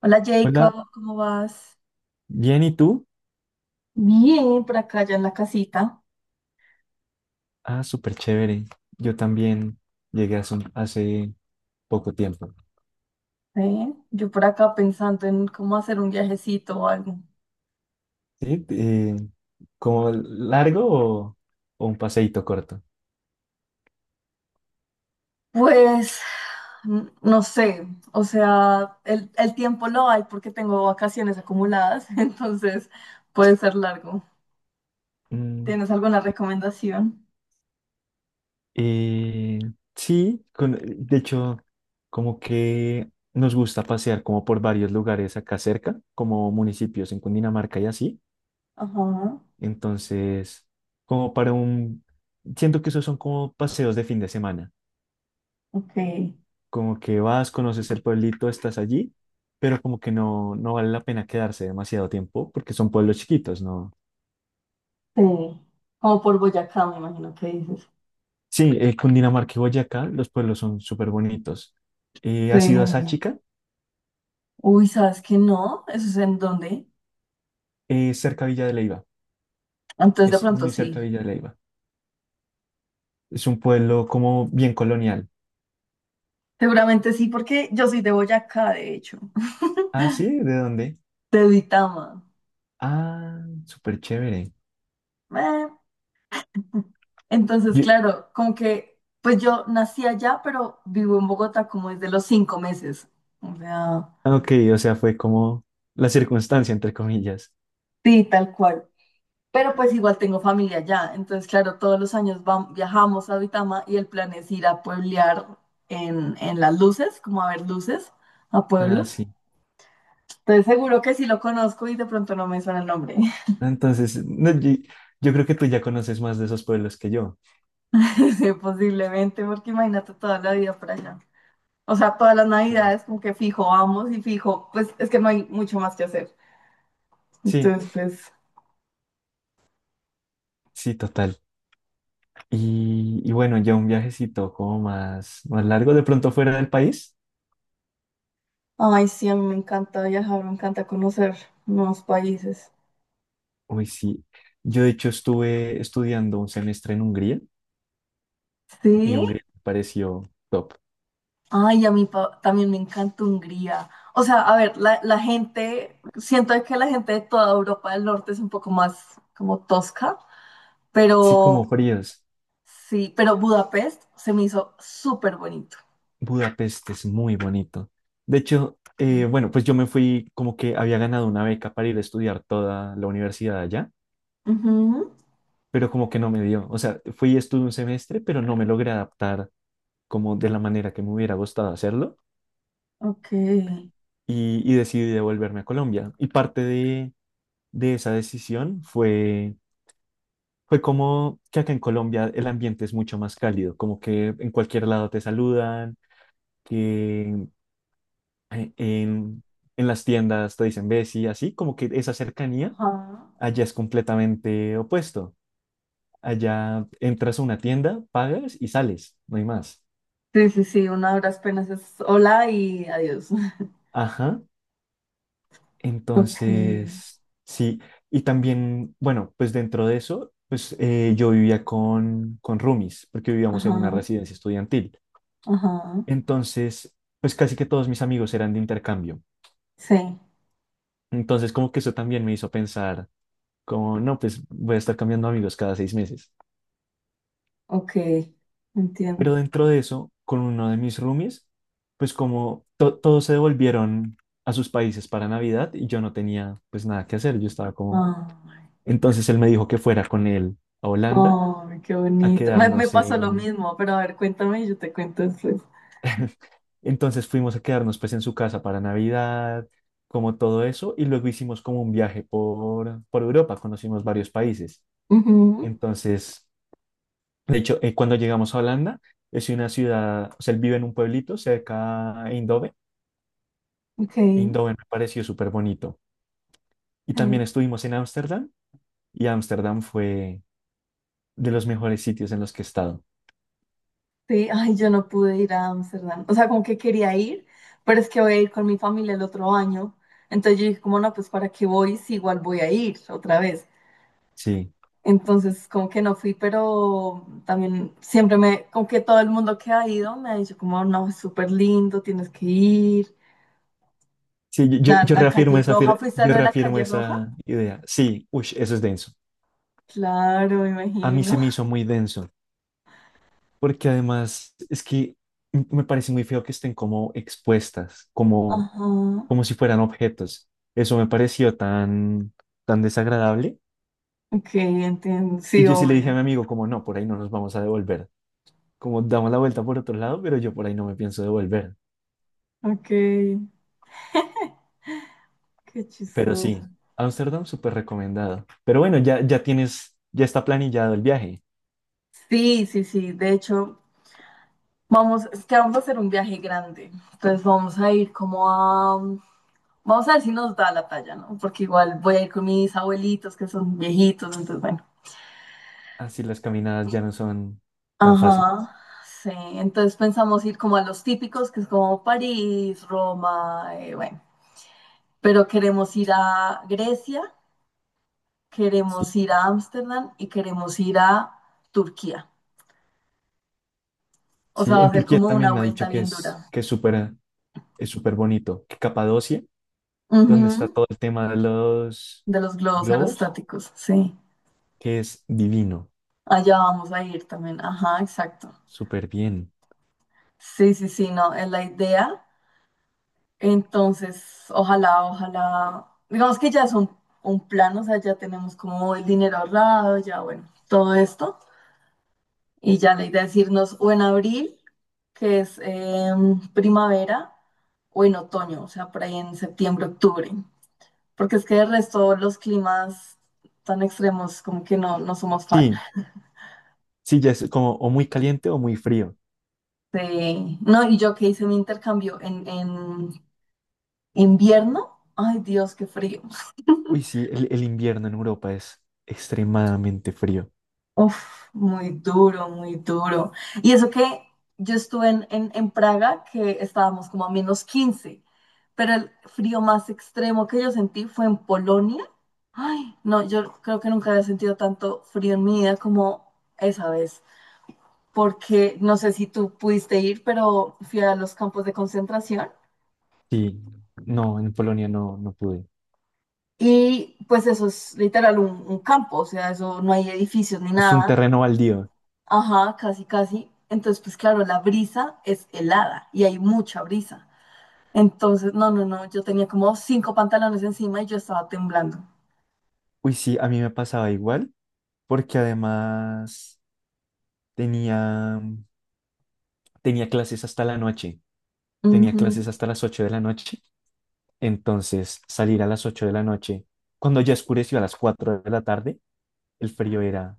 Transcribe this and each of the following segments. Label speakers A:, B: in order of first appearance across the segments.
A: Hola
B: Hola,
A: Jacob, ¿cómo vas?
B: bien, ¿y tú?
A: Bien, por acá ya en la casita.
B: Ah, súper chévere. Yo también llegué hace, hace poco tiempo.
A: ¿Eh? Yo por acá pensando en cómo hacer un viajecito o algo.
B: ¿Sí? ¿Como largo o, un paseíto corto?
A: Pues no sé, o sea, el tiempo lo hay porque tengo vacaciones acumuladas, entonces puede ser largo.
B: Mm,
A: ¿Tienes alguna recomendación?
B: eh, sí, de hecho, como que nos gusta pasear como por varios lugares acá cerca, como municipios en Cundinamarca y así.
A: Ajá,
B: Entonces, como para un... Siento que esos son como paseos de fin de semana.
A: ok.
B: Como que vas, conoces el pueblito, estás allí, pero como que no vale la pena quedarse demasiado tiempo porque son pueblos chiquitos, ¿no?
A: Sí. Como por Boyacá, me imagino que dices.
B: Sí, Cundinamarca y Boyacá, los pueblos son súper bonitos.
A: Sí.
B: ¿Has ido a Sáchica?
A: Uy, ¿sabes qué no? ¿Eso es en dónde?
B: Es cerca de Villa de Leiva,
A: Entonces de
B: es
A: pronto
B: muy cerca
A: sí.
B: de Villa de Leiva. Es un pueblo como bien colonial.
A: Seguramente sí, porque yo soy de Boyacá, de hecho,
B: Ah, sí, ¿de dónde?
A: de Duitama.
B: Ah, súper chévere.
A: Eh, Entonces,
B: Yo-
A: claro, como que, pues yo nací allá, pero vivo en Bogotá como desde los 5 meses. O sea,
B: ah, ok, o sea, fue como la circunstancia, entre comillas.
A: sí, tal cual. Pero pues igual tengo familia allá. Entonces, claro, todos los años viajamos a Duitama y el plan es ir a pueblear en las luces, como a ver luces, a
B: Ah,
A: pueblos.
B: sí.
A: Entonces, seguro que sí lo conozco y de pronto no me suena el nombre.
B: Entonces, no, yo creo que tú ya conoces más de esos pueblos que yo.
A: Posiblemente, porque imagínate toda la vida por allá. O sea, todas las
B: Sí,
A: navidades como que fijo vamos y fijo, pues es que no hay mucho más que hacer.
B: sí,
A: Entonces, pues,
B: sí, total. Y bueno, ya un viajecito como más, más largo, de pronto fuera del país.
A: ay, sí, a mí me encanta viajar, me encanta conocer nuevos países.
B: Uy, sí. Yo de hecho estuve estudiando un semestre en Hungría y
A: Sí,
B: Hungría me pareció top.
A: ay, a mí también me encanta Hungría. O sea, a ver, la gente, siento que la gente de toda Europa del Norte es un poco más como tosca,
B: Sí, como
A: pero
B: fríos.
A: sí, pero Budapest se me hizo súper bonito.
B: Budapest es muy bonito. De hecho, bueno, pues yo me fui como que había ganado una beca para ir a estudiar toda la universidad allá,
A: Ujú,
B: pero como que no me dio. O sea, fui y estuve un semestre, pero no me logré adaptar como de la manera que me hubiera gustado hacerlo.
A: ok.
B: Y decidí devolverme a Colombia. Y parte de esa decisión fue como que acá en Colombia el ambiente es mucho más cálido, como que en cualquier lado te saludan, que en en las tiendas te dicen Bessie, así como que esa cercanía
A: Ajá.
B: allá es completamente opuesto. Allá entras a una tienda, pagas y sales, no hay más.
A: Sí, sí, sí, una de las penas es hola y adiós.
B: Ajá.
A: Ok,
B: Entonces, sí, y también, bueno, pues dentro de eso, pues yo vivía con roomies, porque vivíamos en una
A: ajá,
B: residencia estudiantil.
A: ajá,
B: Entonces, pues casi que todos mis amigos eran de intercambio.
A: sí,
B: Entonces, como que eso también me hizo pensar, como, no, pues voy a estar cambiando amigos cada 6 meses.
A: ok, entiendo.
B: Pero dentro de eso, con uno de mis roomies, pues como todos se devolvieron a sus países para Navidad y yo no tenía pues nada que hacer, yo estaba como...
A: Ay,
B: Entonces él me dijo que fuera con él a Holanda
A: ay, qué
B: a
A: bonito. Me
B: quedarnos
A: pasó lo
B: en...
A: mismo, pero a ver, cuéntame y yo te cuento después.
B: Entonces fuimos a quedarnos pues en su casa para Navidad, como todo eso, y luego hicimos como un viaje por Europa, conocimos varios países.
A: Ujú,
B: Entonces, de hecho, cuando llegamos a Holanda, es una ciudad, o sea, él vive en un pueblito cerca a Eindhoven.
A: ok, sí,
B: Eindhoven me pareció súper bonito. Y también estuvimos en Ámsterdam, y Ámsterdam fue de los mejores sitios en los que he estado.
A: sí, ay, yo no pude ir a Ámsterdam. O sea, como que quería ir, pero es que voy a ir con mi familia el otro año. Entonces yo dije, como no, pues para qué voy si igual voy a ir otra vez.
B: Sí,
A: Entonces, como que no fui, pero también siempre me, como que todo el mundo que ha ido me ha dicho como, no, es súper lindo, tienes que ir.
B: sí, yo, yo
A: La,
B: yo
A: la
B: reafirmo
A: calle
B: esa,
A: roja, ¿fuiste a
B: yo
A: lo de la
B: reafirmo
A: calle roja?
B: esa idea. Sí, uy, eso es denso.
A: Claro, me
B: A mí se
A: imagino.
B: me hizo muy denso, porque además es que me parece muy feo que estén como expuestas, como,
A: Ajá.
B: como si fueran objetos. Eso me pareció tan desagradable
A: Ok, entiendo.
B: que
A: Sí,
B: yo sí le dije a
A: obvio.
B: mi amigo como, no, por ahí no nos vamos a devolver. Como damos la vuelta por otro lado, pero yo por ahí no me pienso devolver.
A: Ok, qué
B: Pero
A: chistoso.
B: sí, Ámsterdam súper recomendado. Pero bueno, ya tienes, ya está planillado el viaje.
A: Sí, sí, sí. De hecho, vamos, es que vamos a hacer un viaje grande. Entonces vamos a ir como a... Vamos a ver si nos da la talla, ¿no? Porque igual voy a ir con mis abuelitos que son viejitos, entonces bueno.
B: Así las caminadas ya no son tan fáciles.
A: Ajá, sí. Entonces pensamos ir como a los típicos, que es como París, Roma, bueno. Pero queremos ir a Grecia,
B: Sí,
A: queremos ir a Ámsterdam y queremos ir a Turquía. O
B: sí,
A: sea, va
B: en
A: a ser
B: Turquía
A: como una
B: también me ha dicho
A: vuelta bien dura.
B: que es súper bonito. Que Capadocia, donde está
A: Ujú,
B: todo el tema de los
A: de los globos
B: globos,
A: aerostáticos, sí.
B: que es divino,
A: Allá vamos a ir también. Ajá, exacto.
B: súper bien.
A: Sí, sí, sí, no, es la idea. Entonces, ojalá, ojalá, digamos que ya es un plan, o sea, ya tenemos como el dinero ahorrado, ya bueno, todo esto. Y ya la idea es irnos o en abril, que es primavera, o en otoño, o sea, por ahí en septiembre, octubre. Porque es que de resto los climas tan extremos como que no, no somos fan.
B: Sí, sí, ya es como o muy caliente o muy frío.
A: Sí. No, y yo que hice mi intercambio en invierno, ay Dios, qué frío.
B: Uy, sí, el invierno en Europa es extremadamente frío.
A: Uf, muy duro, muy duro. Y eso que yo estuve en Praga, que estábamos como a -15, pero el frío más extremo que yo sentí fue en Polonia. Ay, no, yo creo que nunca había sentido tanto frío en mi vida como esa vez, porque no sé si tú pudiste ir, pero fui a los campos de concentración.
B: Sí, no, en Polonia no pude.
A: Y pues eso es literal un campo, o sea, eso no hay edificios ni
B: Es un
A: nada.
B: terreno baldío.
A: Ajá, casi, casi. Entonces, pues claro, la brisa es helada y hay mucha brisa. Entonces, no, no, no, yo tenía como cinco pantalones encima y yo estaba temblando.
B: Uy, sí, a mí me pasaba igual, porque además tenía, tenía clases hasta la noche. Tenía
A: Ujú,
B: clases hasta las 8 de la noche. Entonces, salir a las 8 de la noche, cuando ya oscureció a las 4 de la tarde, el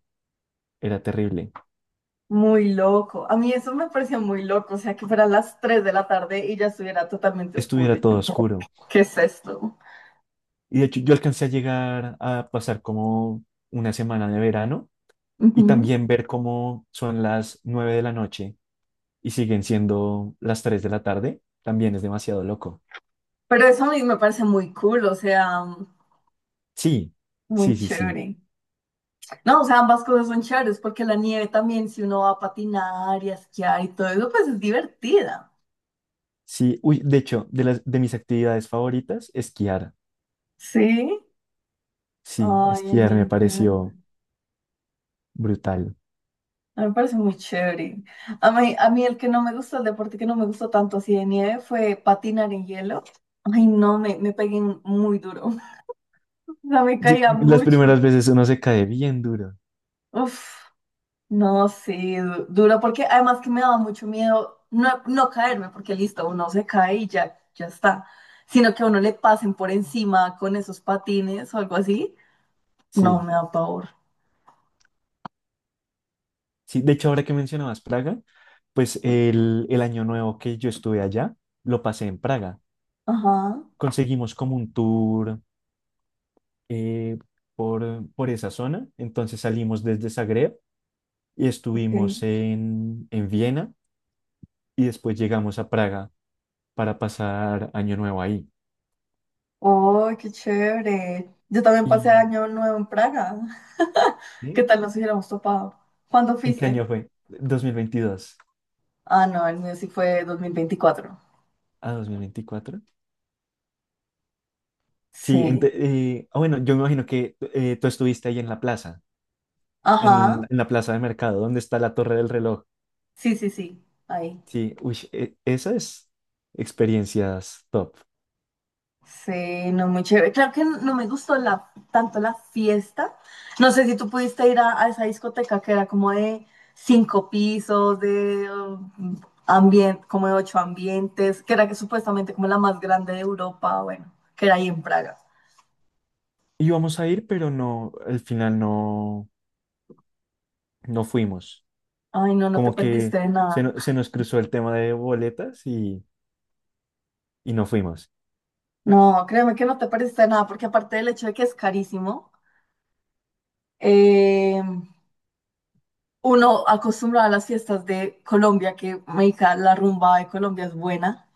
B: era terrible.
A: muy loco. A mí eso me parecía muy loco, o sea, que fueran las 3 de la tarde y ya estuviera totalmente oscuro.
B: Estuviera todo oscuro.
A: ¿Qué es esto?
B: Y de hecho, yo alcancé a llegar a pasar como una semana de verano y
A: Ujú.
B: también ver cómo son las 9 de la noche y siguen siendo las 3 de la tarde, también es demasiado loco.
A: Pero eso a mí me parece muy cool, o sea,
B: Sí,
A: muy
B: sí, sí, sí.
A: chévere. No, o sea, ambas cosas son chéveres porque la nieve también, si uno va a patinar y a esquiar y todo eso, pues es divertida.
B: Sí, uy, de hecho, de las de mis actividades favoritas, esquiar.
A: Sí.
B: Sí,
A: Ay, me
B: esquiar me
A: encanta.
B: pareció brutal.
A: A mí me parece muy chévere. A mí el que no me gusta, el deporte que no me gustó tanto así de nieve fue patinar en hielo. Ay, no, me pegué muy duro. O sea, me
B: Sí,
A: caía
B: las primeras
A: mucho.
B: veces uno se cae bien duro.
A: Uf, no, sí, duro, porque además que me daba mucho miedo no, no caerme, porque listo, uno se cae y ya, ya está. Sino que a uno le pasen por encima con esos patines o algo así. No,
B: Sí,
A: me da pavor.
B: sí. De hecho, ahora que mencionabas Praga, pues el año nuevo que yo estuve allá, lo pasé en Praga.
A: Ajá,
B: Conseguimos como un tour eh, por esa zona. Entonces salimos desde Zagreb y
A: ok.
B: estuvimos en Viena y después llegamos a Praga para pasar año nuevo ahí.
A: Oh, qué chévere. Yo también
B: ¿Y
A: pasé año nuevo en Praga. ¿Qué
B: sí,
A: tal nos hubiéramos topado? ¿Cuándo
B: en qué
A: fuiste?
B: año fue? 2022
A: Ah, no, el mío sí fue 2024.
B: a 2024. Sí,
A: Sí.
B: bueno, yo me imagino que tú estuviste ahí en la plaza,
A: Ajá.
B: en la plaza de mercado, donde está la torre del reloj.
A: Sí, sí, sí. Ahí.
B: Sí, uy, esa es experiencias top.
A: Sí, no, muy chévere. Claro que no me gustó la, tanto la fiesta. No sé si tú pudiste ir a esa discoteca que era como de cinco pisos, de como de ocho ambientes, que era que supuestamente como la más grande de Europa, bueno, que era ahí en Praga.
B: Íbamos a ir, pero no, al final no, no fuimos.
A: Ay, no, no te
B: Como que
A: perdiste de
B: se,
A: nada.
B: no- se nos cruzó el tema de y no fuimos.
A: No, créeme que no te perdiste de nada, porque aparte del hecho de que es carísimo, eh, uno acostumbrado a las fiestas de Colombia, que marica, la rumba de Colombia es buena.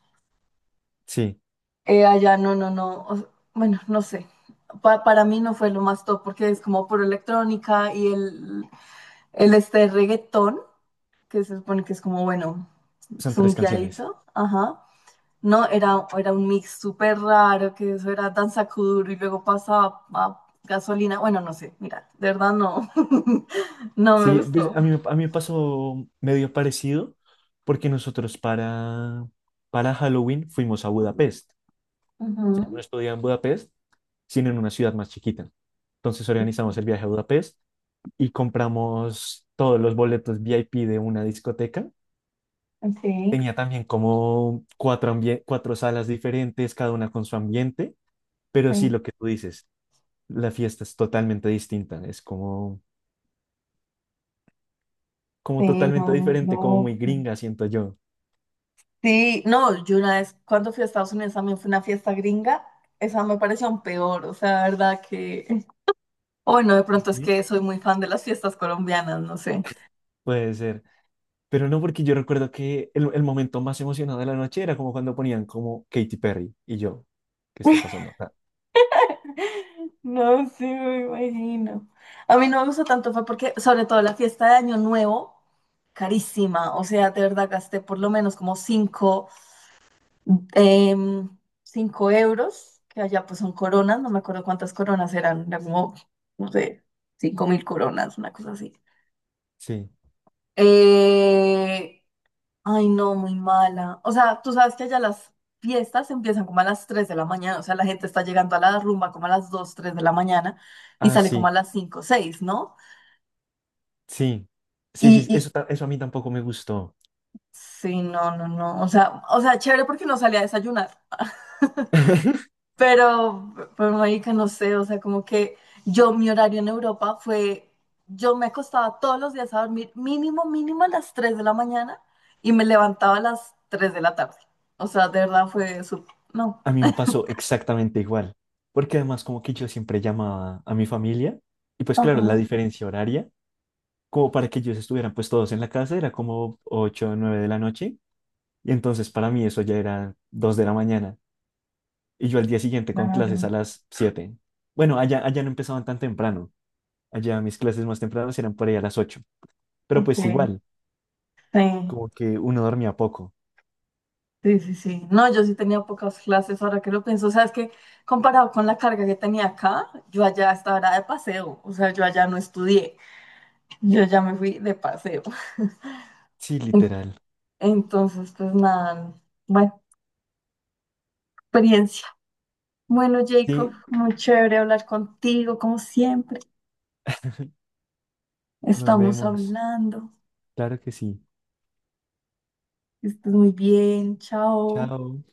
B: Sí,
A: Allá no, no, no. Bueno, no sé. Para mí no fue lo más top, porque es como por electrónica y el este reggaetón, que se supone que es como, bueno,
B: son tres canciones.
A: zunqueadito. Ajá. No, era un mix súper raro, que eso era danza kuduro y luego pasaba a gasolina. Bueno, no sé, mira, de verdad no, no me
B: Sí, pues,
A: gustó.
B: a mí me pasó medio parecido, porque nosotros para Halloween fuimos a Budapest. Yo no
A: Ujú,
B: estudiaba en Budapest sino en una ciudad más chiquita. Entonces organizamos el viaje a Budapest y compramos todos los boletos VIP de una discoteca.
A: ok,
B: Tenía también como cuatro, cuatro salas diferentes, cada una con su ambiente, pero sí
A: ay,
B: lo que tú dices, la fiesta es totalmente distinta, es como, como
A: sí, no,
B: totalmente
A: muy
B: diferente, como muy
A: loca.
B: gringa, siento yo.
A: Sí, no, yo una vez cuando fui a Estados Unidos también fue una fiesta gringa, esa me pareció aún peor, o sea, la verdad que, o bueno, de pronto es
B: ¿Sí?
A: que soy muy fan de las fiestas colombianas, no sé.
B: Puede ser, pero no porque yo recuerdo que el momento más emocionado de la noche era como cuando ponían como Katy Perry y yo, ¿qué está pasando acá?
A: No, sí, me imagino. A mí no me gustó tanto, fue porque, sobre todo la fiesta de Año Nuevo, carísima. O sea, de verdad gasté por lo menos como cinco em, cinco euros, que allá pues son coronas, no me acuerdo cuántas coronas eran, eran como, no sé, 5.000 coronas, una cosa así.
B: Sí.
A: Eh, Ay, no, muy mala. O sea, tú sabes que allá las fiestas empiezan como a las 3 de la mañana. O sea, la gente está llegando a la rumba como a las 2, 3 de la mañana y
B: Ah,
A: sale como
B: sí.
A: a las cinco, seis, ¿no?
B: Sí, sí,
A: Y,
B: sí,
A: y
B: eso a mí tampoco me gustó.
A: sí, no, no, no. O sea, chévere porque no salía a desayunar. Pero marica, no sé, o sea, como que yo, mi horario en Europa fue, yo me acostaba todos los días a dormir mínimo, mínimo a las 3 de la mañana y me levantaba a las 3 de la tarde. O sea, de verdad fue su, no,
B: A mí me pasó exactamente igual, porque además como que yo siempre llamaba a mi familia y pues claro, la
A: ajá,
B: diferencia horaria, como para que ellos estuvieran pues todos en la casa, era como 8 o 9 de la noche y entonces para mí eso ya era 2 de la mañana y yo al día siguiente con clases a
A: claro,
B: las 7. Bueno, allá no empezaban tan temprano, allá mis clases más tempranas eran por ahí a las 8. Pero
A: ok.
B: pues igual,
A: Sí,
B: como que uno dormía poco.
A: sí, sí, sí. No, yo sí tenía pocas clases, ahora que lo pienso. O sea, es que comparado con la carga que tenía acá, yo allá estaba era de paseo. O sea, yo allá no estudié. Yo ya me fui de paseo.
B: Sí,
A: En-
B: literal.
A: Entonces, pues nada, buena experiencia. Bueno, Jacob,
B: Sí,
A: muy chévere hablar contigo, como siempre.
B: nos
A: Estamos
B: vemos.
A: hablando.
B: Claro que sí.
A: Que estés muy bien, chao.
B: Chao.